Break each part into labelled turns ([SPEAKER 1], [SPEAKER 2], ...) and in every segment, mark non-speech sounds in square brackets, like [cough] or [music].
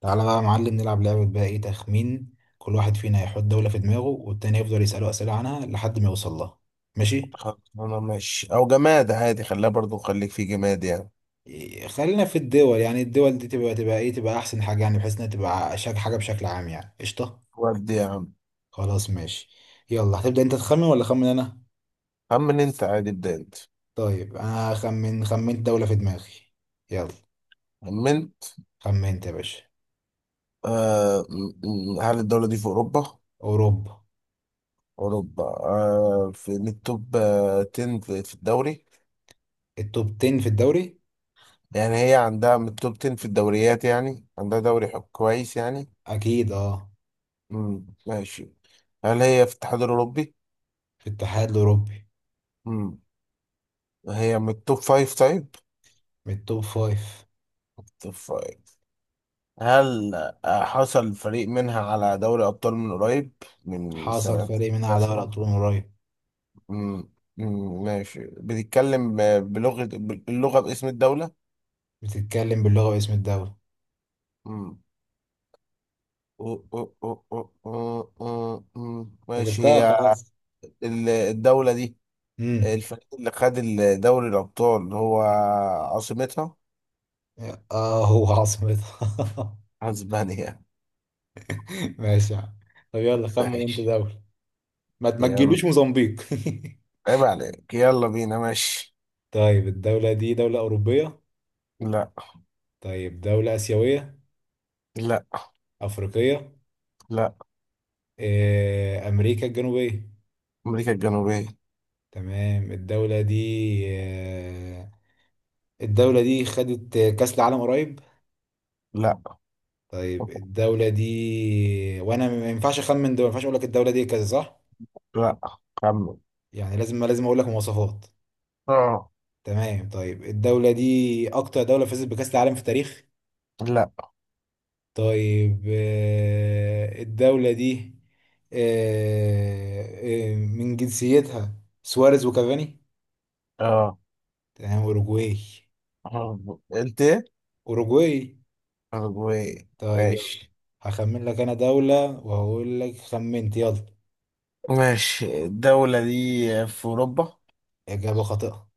[SPEAKER 1] تعالى بقى يا معلم، نلعب لعبة بقى. ايه؟ تخمين. كل واحد فينا يحط دولة في دماغه والتاني يفضل يسأله أسئلة عنها لحد ما يوصل لها. ماشي.
[SPEAKER 2] خلصانة ماشي أو جماد عادي، خليها برضو خليك في جماد يعني.
[SPEAKER 1] إيه، خلينا في الدول. يعني الدول دي تبقى ايه، تبقى أحسن حاجة، يعني بحيث انها تبقى شك حاجة بشكل عام. يعني قشطة.
[SPEAKER 2] ودي يا عم.
[SPEAKER 1] خلاص ماشي. يلا هتبدأ انت تخمن ولا أخمن أنا؟
[SPEAKER 2] خمن أنت عادي، ابدأ أنت.
[SPEAKER 1] طيب أنا. خمنت دولة في دماغي. يلا.
[SPEAKER 2] خمنت.
[SPEAKER 1] خمنت يا باشا.
[SPEAKER 2] آه م- هل الدولة دي في أوروبا؟
[SPEAKER 1] أوروبا.
[SPEAKER 2] أوروبا، في من التوب 10 في الدوري.
[SPEAKER 1] التوب 10 في الدوري.
[SPEAKER 2] يعني هي عندها من التوب 10 في الدوريات، يعني عندها دوري حب كويس يعني.
[SPEAKER 1] أكيد اه.
[SPEAKER 2] مم. ماشي. هل هي في الاتحاد الأوروبي؟
[SPEAKER 1] في الاتحاد الأوروبي.
[SPEAKER 2] مم. هي من التوب 5 طيب؟
[SPEAKER 1] من التوب 5.
[SPEAKER 2] توب 5. هل حصل فريق منها على دوري أبطال من قريب، من
[SPEAKER 1] حصل فريق
[SPEAKER 2] سنتين
[SPEAKER 1] منها على دوري
[SPEAKER 2] مثلا؟
[SPEAKER 1] أبطال من قريب.
[SPEAKER 2] مم. مم. ماشي، بتتكلم ب- بلغة باللغة باسم الدولة؟
[SPEAKER 1] بتتكلم باللغة واسم الدولة.
[SPEAKER 2] مم. أو- مم.
[SPEAKER 1] انت ماشي،
[SPEAKER 2] ماشي
[SPEAKER 1] جبتها
[SPEAKER 2] هي
[SPEAKER 1] خلاص.
[SPEAKER 2] الدولة دي.
[SPEAKER 1] امم
[SPEAKER 2] الفريق اللي خد دوري الأبطال هو عاصمتها
[SPEAKER 1] اه هو عاصمتها.
[SPEAKER 2] أسبانيا.
[SPEAKER 1] [laughs] ماشي يا عم. طب يلا خمن انت
[SPEAKER 2] ماشي
[SPEAKER 1] دولة. ما
[SPEAKER 2] يلا.
[SPEAKER 1] تجيلوش موزمبيق. [laughs]
[SPEAKER 2] عيب عليك، يلا بينا ماشي.
[SPEAKER 1] طيب الدولة دي دولة أوروبية؟
[SPEAKER 2] لا.
[SPEAKER 1] طيب دولة آسيوية؟
[SPEAKER 2] لا.
[SPEAKER 1] أفريقية؟
[SPEAKER 2] لا.
[SPEAKER 1] أمريكا الجنوبية؟
[SPEAKER 2] أمريكا الجنوبية.
[SPEAKER 1] تمام الدولة دي. آه، الدولة دي خدت كأس العالم قريب؟
[SPEAKER 2] لا.
[SPEAKER 1] طيب الدولة دي، وأنا ما ينفعش أخمن دول، ما ينفعش أقول لك الدولة دي كذا صح؟
[SPEAKER 2] لا. خمن.
[SPEAKER 1] يعني لازم أقول لك مواصفات.
[SPEAKER 2] اه.
[SPEAKER 1] تمام. طيب الدولة دي أكتر دولة فازت بكأس العالم في التاريخ؟
[SPEAKER 2] لا.
[SPEAKER 1] طيب الدولة دي. آه، من جنسيتها سواريز وكافاني.
[SPEAKER 2] اه.
[SPEAKER 1] تمام أوروجواي.
[SPEAKER 2] قلت ايه؟
[SPEAKER 1] أوروجواي.
[SPEAKER 2] أرجواي.
[SPEAKER 1] طيب يلا.
[SPEAKER 2] ماشي
[SPEAKER 1] هخمن لك أنا دولة وهقول لك خمنت، يلا.
[SPEAKER 2] ماشي، الدولة دي في أوروبا.
[SPEAKER 1] إجابة خاطئة.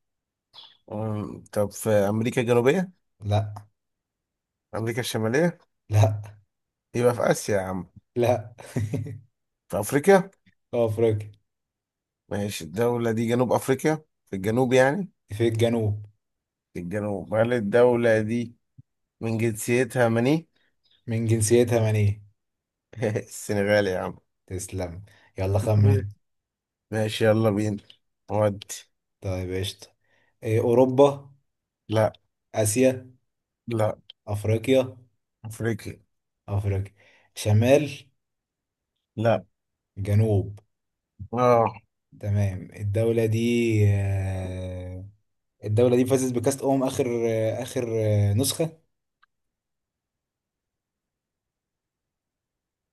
[SPEAKER 2] طب في أمريكا الجنوبية.
[SPEAKER 1] لا.
[SPEAKER 2] أمريكا الشمالية.
[SPEAKER 1] لا.
[SPEAKER 2] يبقى في آسيا يا عم.
[SPEAKER 1] لا. [laughs]
[SPEAKER 2] في أفريقيا.
[SPEAKER 1] في أفريقيا.
[SPEAKER 2] ماشي الدولة دي جنوب أفريقيا، في الجنوب يعني.
[SPEAKER 1] في الجنوب.
[SPEAKER 2] في الجنوب، هل الدولة دي من جنسيتها مني؟
[SPEAKER 1] من جنسيتها من إيه.
[SPEAKER 2] [laughs] السنغال يا عم.
[SPEAKER 1] تسلم. يلا خمن انت.
[SPEAKER 2] [laughs] ماشي يلا بينا. ودي.
[SPEAKER 1] طيب قشطة. إيه، أوروبا؟
[SPEAKER 2] لا.
[SPEAKER 1] آسيا؟
[SPEAKER 2] لا.
[SPEAKER 1] أفريقيا؟
[SPEAKER 2] أفريقيا.
[SPEAKER 1] أفريقيا. شمال؟
[SPEAKER 2] لا.
[SPEAKER 1] جنوب؟
[SPEAKER 2] اه.
[SPEAKER 1] تمام الدولة دي. آه، الدولة دي فازت بكأس أمم آخر آخر نسخة.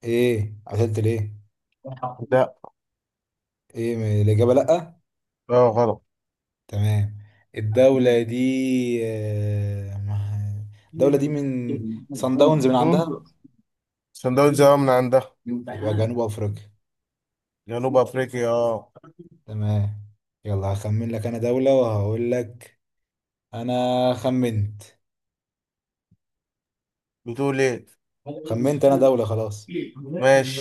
[SPEAKER 1] إيه عطلت ليه؟
[SPEAKER 2] لا.
[SPEAKER 1] إيه الإجابة لأ.
[SPEAKER 2] اه غلط.
[SPEAKER 1] تمام. الدولة دي. الدولة دي
[SPEAKER 2] مم.
[SPEAKER 1] من صن داونز من عندها.
[SPEAKER 2] صن داونز اه من عندها.
[SPEAKER 1] يبقى جنوب أفريقيا.
[SPEAKER 2] جنوب افريقيا اه.
[SPEAKER 1] تمام. يلا هخمن لك أنا دولة وهقول لك أنا خمنت.
[SPEAKER 2] بتقول ايه؟
[SPEAKER 1] خمنت أنا دولة خلاص.
[SPEAKER 2] ماشي.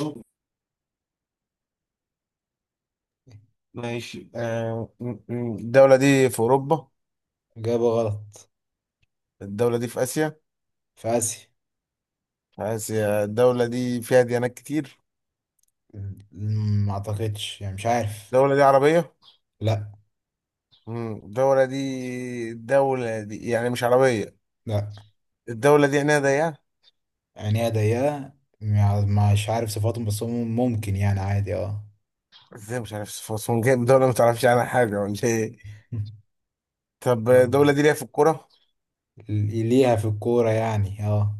[SPEAKER 2] ماشي الدولة دي في اوروبا.
[SPEAKER 1] إجابة غلط.
[SPEAKER 2] الدولة دي في اسيا.
[SPEAKER 1] في آسيا.
[SPEAKER 2] في اسيا الدولة دي فيها ديانات كتير.
[SPEAKER 1] ما أعتقدش يعني، مش عارف.
[SPEAKER 2] الدولة دي عربية.
[SPEAKER 1] لا.
[SPEAKER 2] مم. الدولة دي الدولة دي يعني مش عربية.
[SPEAKER 1] لا
[SPEAKER 2] الدولة دي عينيها ضيقة.
[SPEAKER 1] عينيها ضيقة. يعني مش عارف صفاتهم، بس هم ممكن يعني عادي اه.
[SPEAKER 2] ازاي مش عارف صفات، جايب دولة ما تعرفش عنها حاجة ولا ايه؟
[SPEAKER 1] [laughs]
[SPEAKER 2] طب الدولة
[SPEAKER 1] آه.
[SPEAKER 2] دي ليها في الكورة.
[SPEAKER 1] ليها في الكورة يعني اه.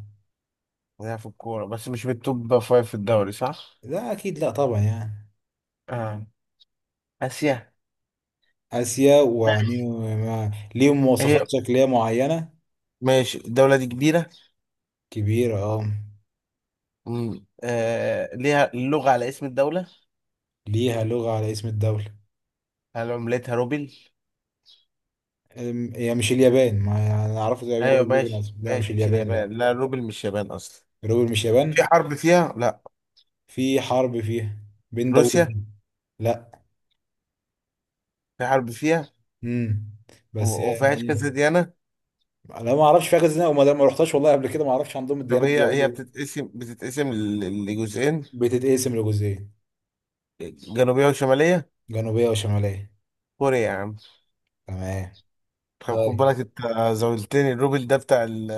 [SPEAKER 2] لعب في الكورة بس مش بالتوب فايف في الدوري صح؟
[SPEAKER 1] لا أكيد، لا طبعا يعني.
[SPEAKER 2] آه. آسيا.
[SPEAKER 1] آسيا. وعينيهم ما- ليهم
[SPEAKER 2] هي
[SPEAKER 1] مواصفات شكلية معينة.
[SPEAKER 2] ماشي الدولة دي كبيرة.
[SPEAKER 1] كبيرة اه.
[SPEAKER 2] مم. آه. ليها اللغة على اسم الدولة.
[SPEAKER 1] ليها لغة على اسم الدولة.
[SPEAKER 2] هل عملتها روبل؟
[SPEAKER 1] أم، هي مش اليابان. ما أنا أعرفه زي
[SPEAKER 2] أيوة
[SPEAKER 1] روبل لبنان.
[SPEAKER 2] ماشي
[SPEAKER 1] لا مش
[SPEAKER 2] ماشي، مش
[SPEAKER 1] اليابان
[SPEAKER 2] اليابان،
[SPEAKER 1] لا.
[SPEAKER 2] لا روبل مش يابان أصلا.
[SPEAKER 1] روبل مش
[SPEAKER 2] في
[SPEAKER 1] يابان.
[SPEAKER 2] حرب فيها؟ لا.
[SPEAKER 1] في حرب فيها بين
[SPEAKER 2] روسيا.
[SPEAKER 1] دولتين. لا.
[SPEAKER 2] في حرب فيها.
[SPEAKER 1] امم بس
[SPEAKER 2] وفيهاش كذا
[SPEAKER 1] يعني
[SPEAKER 2] ديانة.
[SPEAKER 1] انا ما اعرفش فيها جزء وما ما رحتش والله قبل كده. ما اعرفش عندهم
[SPEAKER 2] طب
[SPEAKER 1] الديانات
[SPEAKER 2] هي
[SPEAKER 1] بيعبدوا
[SPEAKER 2] هي
[SPEAKER 1] إيه.
[SPEAKER 2] بتتقسم لجزئين،
[SPEAKER 1] بتتقسم لجزئين،
[SPEAKER 2] جنوبية وشمالية.
[SPEAKER 1] جنوبيه وشماليه.
[SPEAKER 2] كوريا يا عم.
[SPEAKER 1] تمام.
[SPEAKER 2] طب خد
[SPEAKER 1] طيب
[SPEAKER 2] بالك انت. زولتني الروبل ده بتاع ال،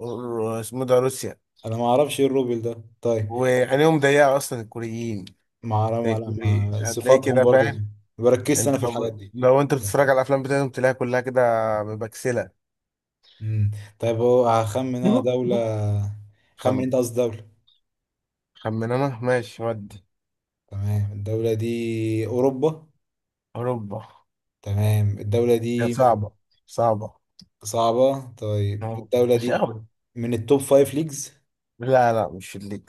[SPEAKER 2] اسمه ده روسيا.
[SPEAKER 1] انا ما اعرفش ايه الروبل ده طيب.
[SPEAKER 2] وعينيهم ضيقة أصلا الكوريين.
[SPEAKER 1] ما اعرف
[SPEAKER 2] هتلاقي
[SPEAKER 1] صفاتهم
[SPEAKER 2] كده
[SPEAKER 1] برضو.
[SPEAKER 2] فاهم.
[SPEAKER 1] ما بركزش انا
[SPEAKER 2] أنت
[SPEAKER 1] في الحاجات
[SPEAKER 2] لو
[SPEAKER 1] دي.
[SPEAKER 2] لو أنت بتتفرج على الأفلام بتاعتهم تلاقيها كلها كده، مبكسلة.
[SPEAKER 1] امم طيب هو هخمن انا دوله.
[SPEAKER 2] خم
[SPEAKER 1] خمن انت، قصدي دوله.
[SPEAKER 2] خمن أنا ماشي ودي.
[SPEAKER 1] تمام الدوله دي. اوروبا.
[SPEAKER 2] أوروبا.
[SPEAKER 1] تمام الدوله
[SPEAKER 2] هي
[SPEAKER 1] دي.
[SPEAKER 2] صعبة، صعبة.
[SPEAKER 1] صعبه. طيب
[SPEAKER 2] أهو.
[SPEAKER 1] الدوله
[SPEAKER 2] مش
[SPEAKER 1] دي
[SPEAKER 2] أوي.
[SPEAKER 1] من التوب فايف ليجز.
[SPEAKER 2] لا، لا مش الليج،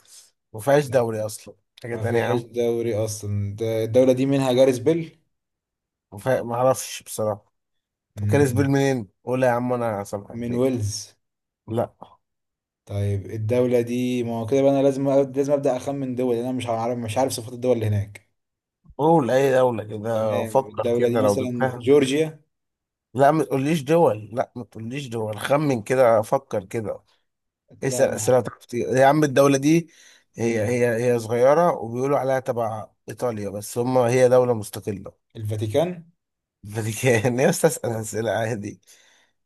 [SPEAKER 2] مفيهاش دوري أصلا، حاجة
[SPEAKER 1] ما
[SPEAKER 2] تانية يا
[SPEAKER 1] فيهاش
[SPEAKER 2] عم.
[SPEAKER 1] دوري اصلا، ده الدولة دي منها جاريسبل.
[SPEAKER 2] معرفش بصراحة. طب كان
[SPEAKER 1] مم.
[SPEAKER 2] سبيل منين؟ قول يا عم أنا سامحك
[SPEAKER 1] من
[SPEAKER 2] فين.
[SPEAKER 1] ويلز.
[SPEAKER 2] لا.
[SPEAKER 1] طيب الدولة دي، ما هو كده بقى. انا لازم ابدا اخمن دول، لأن انا مش عارف صفات الدول اللي هناك.
[SPEAKER 2] قول أي دولة كده
[SPEAKER 1] تمام.
[SPEAKER 2] وفكر
[SPEAKER 1] الدولة دي
[SPEAKER 2] كده لو
[SPEAKER 1] مثلا
[SPEAKER 2] جبتها.
[SPEAKER 1] جورجيا.
[SPEAKER 2] لا، ما تقوليش دول. لا، ما تقوليش دول. خمن كده، فكر كده.
[SPEAKER 1] لا
[SPEAKER 2] اسأل
[SPEAKER 1] ما.
[SPEAKER 2] أسئلة تعرف تجيب-، يا عم الدولة دي. هي
[SPEAKER 1] مم.
[SPEAKER 2] هي هي صغيرة وبيقولوا عليها تبع إيطاليا، بس هم هي دولة مستقلة.
[SPEAKER 1] الفاتيكان.
[SPEAKER 2] الفاتيكان. [laughs] يا أستاذ أسأل أسئلة عادي.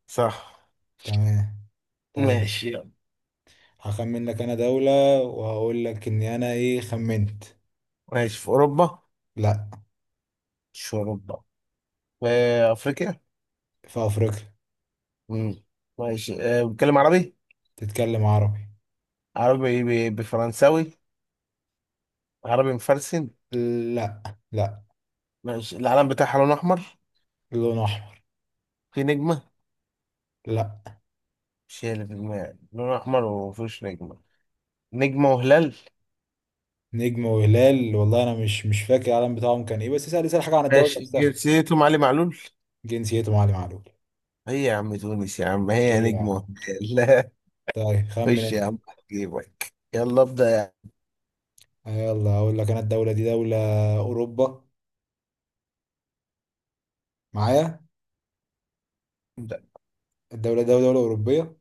[SPEAKER 2] صح.
[SPEAKER 1] تمام. طيب
[SPEAKER 2] ماشي يلا.
[SPEAKER 1] هخمن لك انا دولة وهقول لك اني انا ايه، خمنت.
[SPEAKER 2] ماشي في أوروبا.
[SPEAKER 1] لا.
[SPEAKER 2] مش في أوروبا. في أفريقيا.
[SPEAKER 1] في افريقيا.
[SPEAKER 2] مم. ماشي بتكلم عربي.
[SPEAKER 1] تتكلم عربي.
[SPEAKER 2] عربي. بفرنساوي. عربي مفرسن.
[SPEAKER 1] لا. لا.
[SPEAKER 2] ماشي العلم بتاعها لون أحمر.
[SPEAKER 1] لون احمر.
[SPEAKER 2] في نجمة.
[SPEAKER 1] لا.
[SPEAKER 2] شيء اللي في دماغي لون أحمر ومفيش نجمة، نجمة وهلال.
[SPEAKER 1] نجم وهلال. والله انا مش فاكر العلم بتاعهم كان ايه، بس اسال حاجه عن الدوري
[SPEAKER 2] ماشي
[SPEAKER 1] نفسها.
[SPEAKER 2] جنسيتهم علي معلول.
[SPEAKER 1] جنسيته معلم معلول.
[SPEAKER 2] هي يا عم تونس يا عم، هي
[SPEAKER 1] ايه يا
[SPEAKER 2] نجمة
[SPEAKER 1] عم.
[SPEAKER 2] وهلال. [laughs] لا.
[SPEAKER 1] طيب خمن
[SPEAKER 2] خش يا
[SPEAKER 1] انت.
[SPEAKER 2] عم جيبك، يلا ابدأ يا عم.
[SPEAKER 1] يلا اقول لك انا الدوله دي دوله اوروبا معايا.
[SPEAKER 2] ابدأ.
[SPEAKER 1] الدوله دي دوله اوروبيه.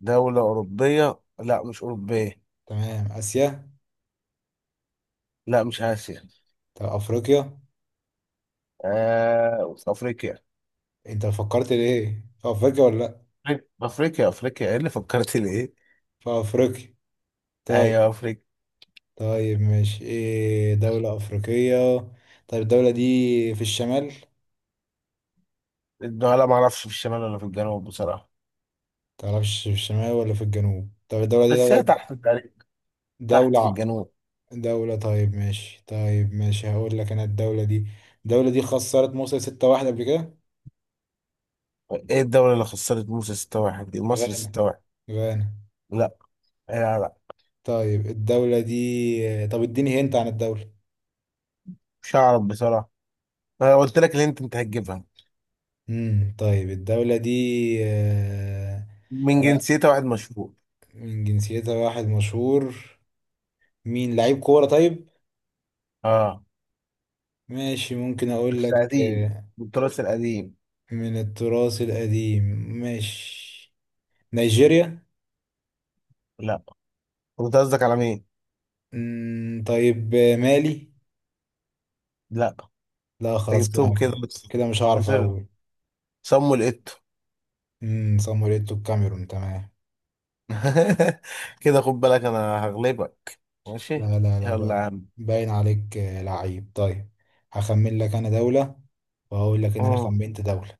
[SPEAKER 2] دولة أوروبية؟ لا مش أوروبية.
[SPEAKER 1] تمام، اسيا.
[SPEAKER 2] لا مش آسيا.
[SPEAKER 1] طب افريقيا.
[SPEAKER 2] آه في أفريقيا.
[SPEAKER 1] انت فكرت ليه في افريقيا ولا لا؟
[SPEAKER 2] أفريقيا أفريقيا أفريقيا. إيه اللي فكرت ليه؟
[SPEAKER 1] في افريقيا. طيب.
[SPEAKER 2] أيوة أفريقيا.
[SPEAKER 1] طيب ماشي، ايه دوله افريقيه. طب الدوله دي في الشمال.
[SPEAKER 2] لا ما أعرفش في الشمال ولا في الجنوب بصراحة.
[SPEAKER 1] تعرفش في الشمال ولا في الجنوب؟ طب الدوله دي
[SPEAKER 2] بس هي
[SPEAKER 1] دوله.
[SPEAKER 2] تحت تقريبا، تحت في
[SPEAKER 1] دولة.
[SPEAKER 2] الجنوب.
[SPEAKER 1] دولة. طيب ماشي طيب ماشي، هقول لك انا الدولة دي. الدولة دي خسرت مصر ستة واحد قبل كده.
[SPEAKER 2] إيه الدولة اللي خسرت موسى 6-1 دي، مصر
[SPEAKER 1] غانا.
[SPEAKER 2] 6-1.
[SPEAKER 1] غانا.
[SPEAKER 2] لا. لا لا.
[SPEAKER 1] طيب الدولة دي، طب اديني هنت عن الدولة.
[SPEAKER 2] مش هعرف بصراحة. أنا قلت لك اللي أنت هتجيبها.
[SPEAKER 1] طيب الدولة دي. آه،
[SPEAKER 2] من
[SPEAKER 1] لا.
[SPEAKER 2] جنسيته واحد مشهور.
[SPEAKER 1] من جنسيتها واحد مشهور. مين لعيب كورة طيب.
[SPEAKER 2] اه،
[SPEAKER 1] ماشي ممكن اقول
[SPEAKER 2] بس
[SPEAKER 1] لك
[SPEAKER 2] قديم، التراث القديم.
[SPEAKER 1] من التراث القديم. ماشي. نيجيريا.
[SPEAKER 2] لا. انت قصدك على مين؟
[SPEAKER 1] طيب مالي.
[SPEAKER 2] لا.
[SPEAKER 1] لا
[SPEAKER 2] انت
[SPEAKER 1] خلاص
[SPEAKER 2] جبتهم كده
[SPEAKER 1] كده.
[SPEAKER 2] بس.
[SPEAKER 1] كده مش هعرف
[SPEAKER 2] خسرت.
[SPEAKER 1] اقول.
[SPEAKER 2] صموا لقيته.
[SPEAKER 1] سان مارينو الكاميرون تمام.
[SPEAKER 2] [laughs] كده خد بالك انا هغلبك. ماشي.
[SPEAKER 1] لا لا لا
[SPEAKER 2] يلا
[SPEAKER 1] بقى.
[SPEAKER 2] يا عم.
[SPEAKER 1] باين عليك لعيب طيب. هخمن لك انا دولة وهقول لك ان انا
[SPEAKER 2] مم.
[SPEAKER 1] خمنت دولة.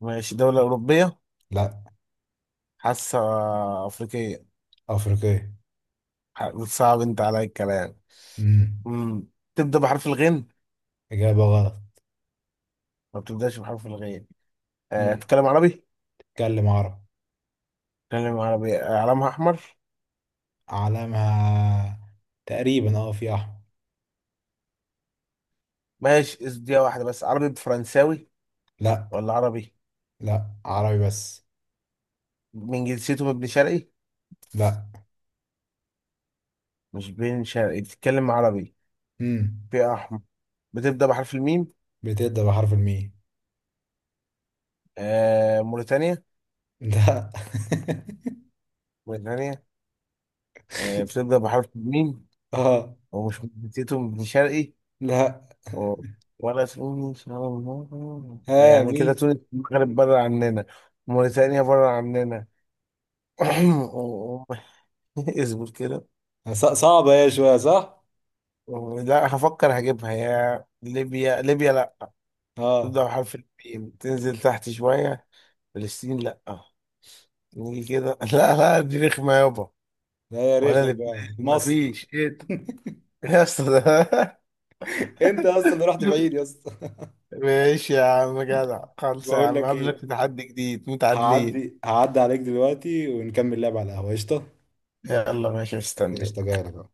[SPEAKER 2] ماشي دولة أوروبية،
[SPEAKER 1] لا.
[SPEAKER 2] حاسة. أفريقية.
[SPEAKER 1] افريقية.
[SPEAKER 2] صعب أنت عليا الكلام.
[SPEAKER 1] امم
[SPEAKER 2] مم. تبدأ بحرف الغين.
[SPEAKER 1] اجابة غلط.
[SPEAKER 2] ما بتبدأش بحرف الغين. أه
[SPEAKER 1] امم
[SPEAKER 2] تتكلم عربي.
[SPEAKER 1] اتكلم عربي.
[SPEAKER 2] تتكلم عربي، علامها أحمر.
[SPEAKER 1] علمها تقريبا اه في احمر.
[SPEAKER 2] ماشي دي واحدة بس، عربي بفرنساوي
[SPEAKER 1] لا.
[SPEAKER 2] ولا عربي.
[SPEAKER 1] لا عربي بس.
[SPEAKER 2] من جنسيته من ابن شرقي.
[SPEAKER 1] لا.
[SPEAKER 2] مش بين شرقي بتتكلم عربي،
[SPEAKER 1] امم
[SPEAKER 2] فئة أحمر، بتبدأ بحرف الميم.
[SPEAKER 1] بتبدأ بحرف الميم.
[SPEAKER 2] آه موريتانيا.
[SPEAKER 1] لا.
[SPEAKER 2] موريتانيا. آه بتبدأ بحرف الميم.
[SPEAKER 1] [laughs] اه.
[SPEAKER 2] ومش من جنسيته من ابن شرقي.
[SPEAKER 1] لا.
[SPEAKER 2] و- ولا تونس. [laughs]
[SPEAKER 1] ها
[SPEAKER 2] يعني كده
[SPEAKER 1] مين؟
[SPEAKER 2] تونس المغرب بره عننا، موريتانيا بره عننا. [laughs] [clears throat] اصبر كده.
[SPEAKER 1] صعبة هي شوية صح.
[SPEAKER 2] لا هفكر هجيبها، يا ليبيا ليبيا.
[SPEAKER 1] اه.
[SPEAKER 2] تبدأ بحرف الميم، تنزل تحت شوية. فلسطين لأ. نيجي كده. [laughs] لا لا دي رخمة يابا.
[SPEAKER 1] لا هي
[SPEAKER 2] ولا
[SPEAKER 1] رخمة
[SPEAKER 2] لبنان،
[SPEAKER 1] فعلا مصر.
[SPEAKER 2] مفيش ايه ده؟ يا اسطى ده.
[SPEAKER 1] انت اصلا رحت بعيد يا اسطى.
[SPEAKER 2] [laughs] ماشي يا عم جدع،
[SPEAKER 1] [laughs]
[SPEAKER 2] خلص يا
[SPEAKER 1] بقول
[SPEAKER 2] عم
[SPEAKER 1] لك
[SPEAKER 2] قابلك في
[SPEAKER 1] ايه.
[SPEAKER 2] تحدي جديد، متعادلين.
[SPEAKER 1] هعدي عليك دلوقتي ونكمل لعب على القهوه قشطه.
[SPEAKER 2] يلا ماشي استنى.
[SPEAKER 1] قشطه، جاي لك اهو.